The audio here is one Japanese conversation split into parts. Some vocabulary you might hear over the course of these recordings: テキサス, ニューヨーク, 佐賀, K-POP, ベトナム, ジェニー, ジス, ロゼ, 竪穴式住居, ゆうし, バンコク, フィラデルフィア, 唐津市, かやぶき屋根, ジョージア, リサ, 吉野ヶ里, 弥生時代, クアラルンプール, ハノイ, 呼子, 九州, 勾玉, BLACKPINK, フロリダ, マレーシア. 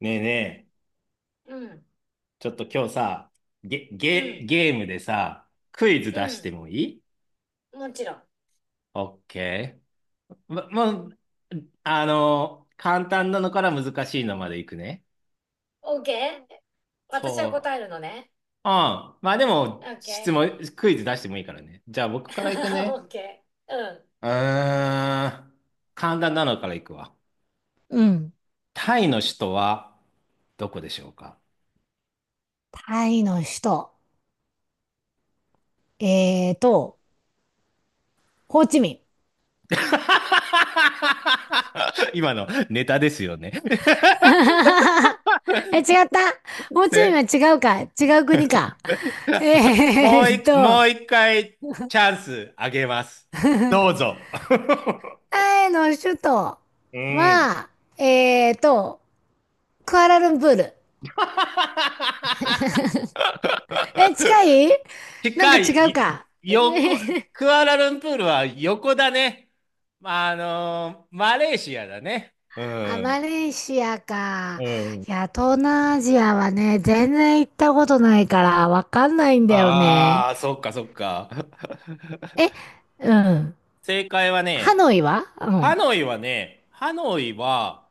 ねえねえ、うん、ちょっと今日さ、ゲ、うゲ、ん、ゲームでさ、クイズ出してうもいい？ん、もちろん。オッケー。ま、もう、簡単なのから難しいのまでいくね。OK? 私はそ答えるのね。う。うん。まあでも、OK。クイズ出してもいいからね。じゃあ僕からいく ね。OK。うん。うーん。簡単なのからいくわ。うん。タイの首都はどこでしょうか？ タイの首都。えーと、ホーチミン。今のネタですよね？ え、違った。ホーチミンせ は違うか。違う国か。えもうーっい、もと、う一回チャンスあげます。どうぞ。タイの首都うん。は、えーっと、クアラルンプール。え、近い。なん近か違い、うか。え横、クアラルンプールは横だね。まあ、マレーシアだね。うあ、ん。マレーシアうか。ん。いや、東南アジアはね、全然行ったことないから、わかんないんだよね。ああ、そっかそっか。え、うん。正解はハね、ノイは。うん。ハノイは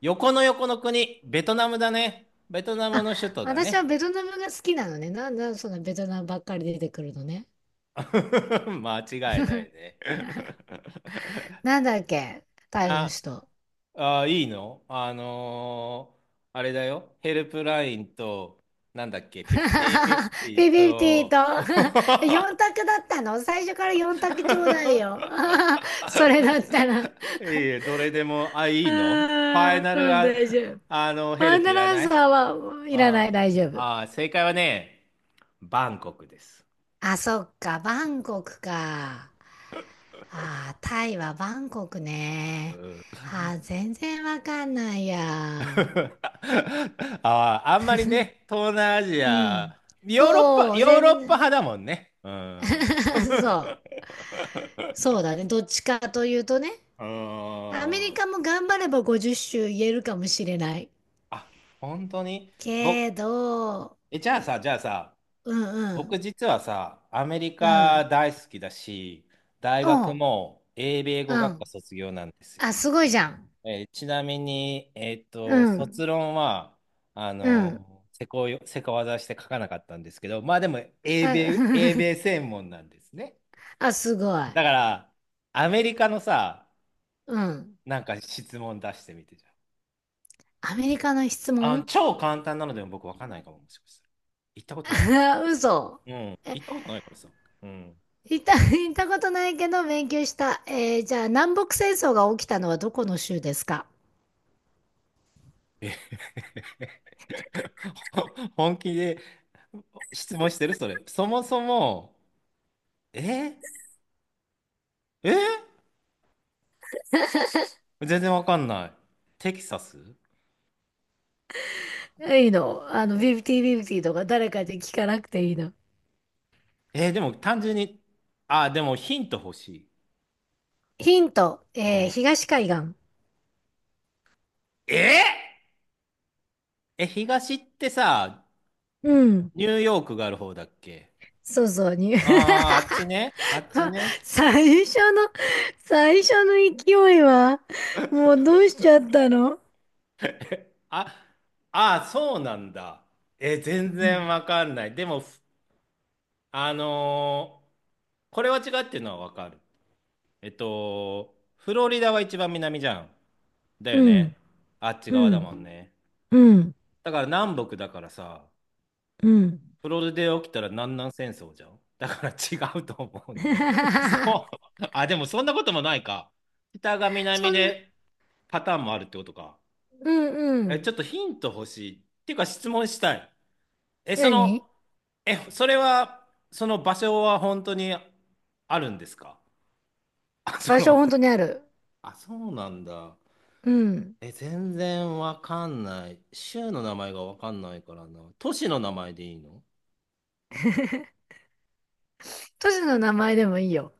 横の横の国、ベトナムだね。ベトナムあ、の首都だ私はね。ベトナムが好きなのね。なんだ、そのベトナムばっかり出てくるのね。間違いないね。なんだっけ。タイのあ、人。 いいの？あれだよ。ヘルプラインと、なんだっけ、フィ都。50-50ピピピと と、4 択だったの。最初から4択ちょうだいよ。それだったら。いいえ、どれでも、あ、あいいの？ファイーナルうん、大丈夫。ヘワルンプいダらランなサい？ーはいらない、あ大丈夫。あ、正解はね、バンコクです。あ、そっか、バンコクか。あー、タイはバンコクうね。ん。 あー、全然わかんないや。ああ、あんまりね、東南アジうん。ア、ヨーロッパ、そう、ヨーロッパ全、派だもんね。うん。う そう。そうだね。どっちかというとね。ーアメリん。カも頑張れば50州言えるかもしれない。あ、本当に？僕、けど、じゃあさ、うんう僕ん、実はさ、アメリうカん。大好きだし、大お学う、も英米語う学科ん。卒業なんですあ、よ。すごいじゃん。ちなみに、うん、卒論は、うん。せこ技して書かなかったんですけど、まあでも、英あ 米、英米 専門なんですね。あ、すごい。だから、アメリカのさ、うん。なんか質問出してみてじゃん。アメリカの質あ、問。 超簡単なのでも僕わかんないかも、もしかしたら。行ったことないから。嘘。うん。え、行ったことないからさ。うん。行った、行ったことないけど勉強した。じゃあ、南北戦争が起きたのはどこの州ですか？え？ 本気で質問してるそれ？そもそも、ええ全然わかんない。テキサス。いいの。あの、ビブティビブティとか誰かで聞かなくていいの。でも単純に、あー、でもヒント欲しい。ヒント。うん。東海岸。えーえ、東ってさ、うん。ニューヨークがある方だっけ？そうそうに。ああー、あっちね。あっちね。最初の、最初の勢いは、もうどうしちゃったの？あ、ああそうなんだ。全う然ん、わかんない。でも、ふあのーこれは違うっていうのはわかる。フロリダは一番南じゃん。だようん、ね。あっち側うだん、もんね。うん、だから南北だからさ、うん。プロリダで起きたら南南戦争じゃん。だから違うと思うのね。そう。あ、でもそんなこともないか。北が南そんな、でパターンもあるってことか。うんうえ、ちょっん。とヒント欲しい。っていうか質問したい。え、そ何？の、え、それは、その場所は本当にあるんですか？あ、場そ所本の、当にある。あ、そうなんだ。うん。全然わかんない。州の名前がわかんないからな。都市の名前でいいの？ 都市の名前でもいいよ。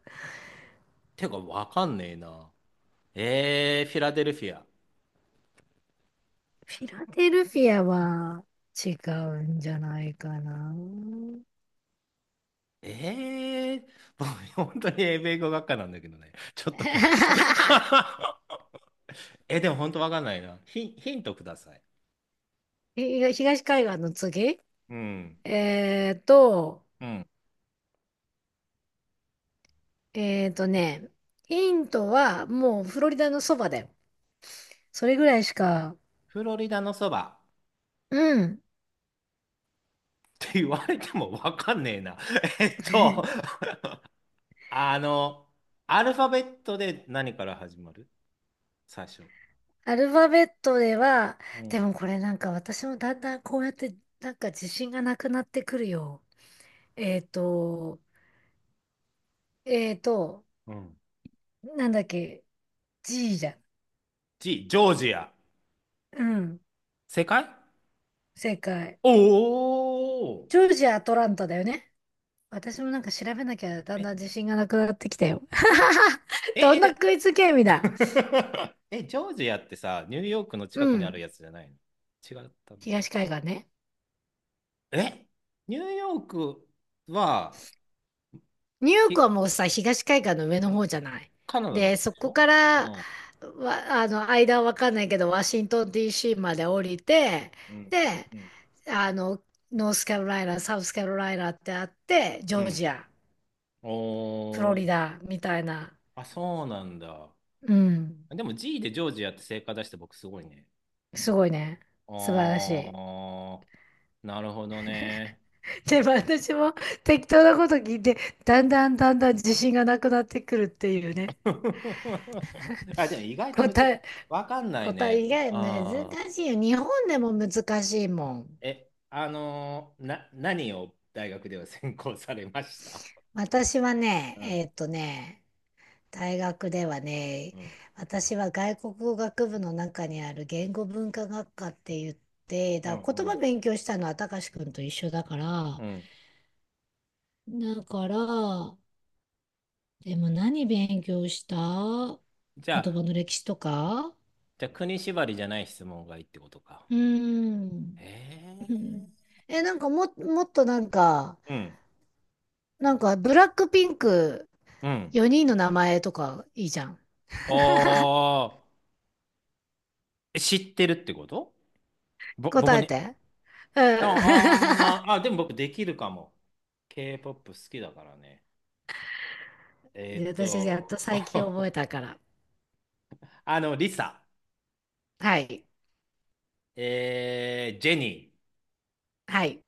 てかわかんねえな。フィラデルフィア。フィラデルフィアは違うんじゃないかな。ええー 僕、本当に英米語学科なんだけどね。ちょっと待ってね。でも本当わかんないな。ヒントください。東東海岸の次。うん。えーと、うん。えーとね、ヒントはもうフロリダのそばだよ。それぐらいしか、フロリダのそばうん。って言われてもわかんねえな。えっと、あの、アルファベットで何から始まる？最初。アルファベットでは、うでん。もこれなんか私もだんだんこうやってなんか自信がなくなってくるよ。えっと、えっと、うん。なんだっけ、G じゃん。G、ジョージア。うん、正解？正解。おおジョージア・アトランタだよね。私もなんか調べなきゃだー。んえ、だん自信がなくなってきたよ。ジョ、え、どんなえ、クイズゲームだ。ジョージアってさ、ニューヨークの近うくにあるん、やつじゃないの？違ったんだ。東海岸ね。えニューヨークは、ニューヨークひ、はもうさ、東海岸の上の方じゃない。カナダの方で、そでしこょ？から、わ、うん。あの、間はわかんないけど、ワシントン DC まで降りて、うん。で、うん。あの、ノースカロライナ、サウスカロライナってあって、ジうョーん。ジア、フロおリー。ダみたいな。あ、そうなんだ。うん。でも G でジョージアって正解出して僕すごいね。すごいね。あ素晴らしい。ー、なるほどね。で、私も適当なこと聞いて、だんだんだんだん自信がなくなってくるっていうね。あ、でも意外とむ答ず、え、わかんない答えね。以外難あー。しいよ。日本でも難しいもん。え、あのーな、何を大学では専攻されました？私はね、うん、大学ではね、うん、私は外国語学部の中にある言語文化学科って言って、うん、だからう言葉ん、勉強したのは高志くんと一緒だから、うん。だから、でも何勉強した？じゃ言あ、葉の歴史とか。じゃあ、国縛りじゃない質問がいいってことか。うーえん。うん。ー、え、なんかも、もっとなんか、うん、なんかブラックピンクうん。4人の名前とかいいじゃん。ああ、知ってるってこと？ぼ、答僕えね。て。うん。あ あー、あ、でも僕できるかも。K-POP 好きだからね。えーっ私、やっと、と最近 覚えたから。リサ、はい。ジェニー。はい。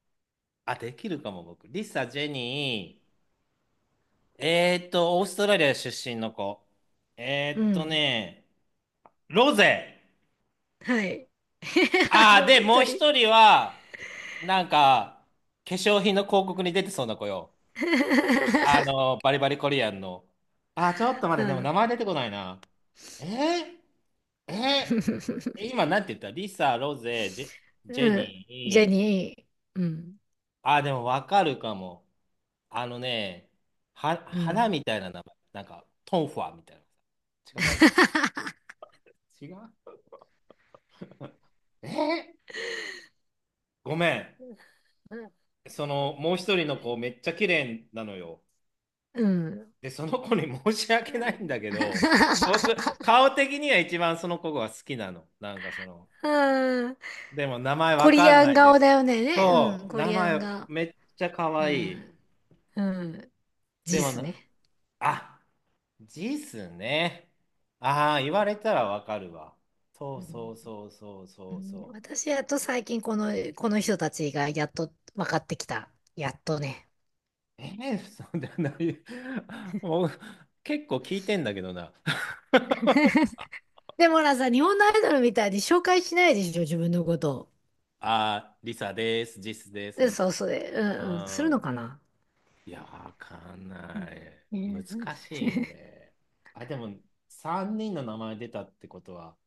あ、できるかも、僕。リサ、ジェニー、オーストラリア出身の子。うえーっとん。ね、ロゼ。はい。あああ、ともで、うもう一人。一人は、なんか、化粧品の広告に出てそうな子よ。バリバリコリアンの。ああ、ちょっと待うって、でも名ん。前出てこないな。えー、え 今なんて言った？リサ、ロゼ、ジェ、ジェうん。ニジェー。ニー。うん。ああ、でもわかるかも。あのね、う花ん。みたいな名前。なんか、トンファーみたいな。違った。違う？えーごめん。うん。その、もう一人の子、めっちゃ綺麗なのよ。うん。で、その子に 申し訳ないんだけど、僕、顔的には一番その子が好きなの。なんかその、うん。でも名前コわリかんアンないで顔だす。よね。ね。うん。そう、コ名リアン前顔。めっちゃ可う愛い。ん。うん。でジもスな、ね。あ、ジスね。ああ、言われたらわかるわ。そううそうん。そうそううそうん。そ私、やっと最近この人たちがやっと分かってきた。やっとね。う。そうだな。もう、結構聞いてんだけどな。でもほらさ、日本のアイドルみたいに紹介しないでしょ、自分のことを。あー、リサです、ジスです、で、みたいそう、それ、うんうん、すな。るうーん。のかな。いや、わかんない。う難んしいね。あ、でも、3人の名前出たってことは、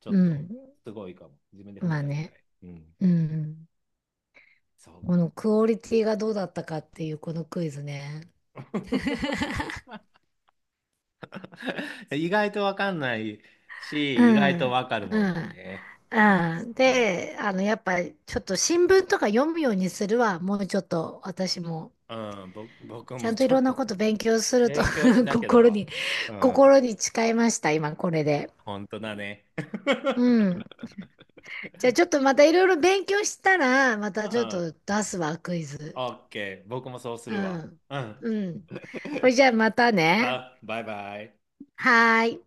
ちょうっと、ん。すごいかも。自分で褒めまあてあげたね。い。うん。うん。そこのクオリティがどうだったかっていうこのクイズね。う。意外とわかんないうし、意外とん。わかるもうんだん。ね。うん。うん。うん、で、あの、やっぱりちょっと新聞とか読むようにするわ。もうちょっと私も。うん、僕ちゃもんといちょろっんなと こ と勉強すると 勉強し なきゃだ心わ。に、うん。心に誓いました、今これで。本当だね。うん。じゃあちょっとまたいろいろ勉強したら、まうたちょっん。と出すわ、クイズ。オッケー。僕もそうすうるわ。ん。うん。うん。これじゃあまたね。あバイバイ。はーい。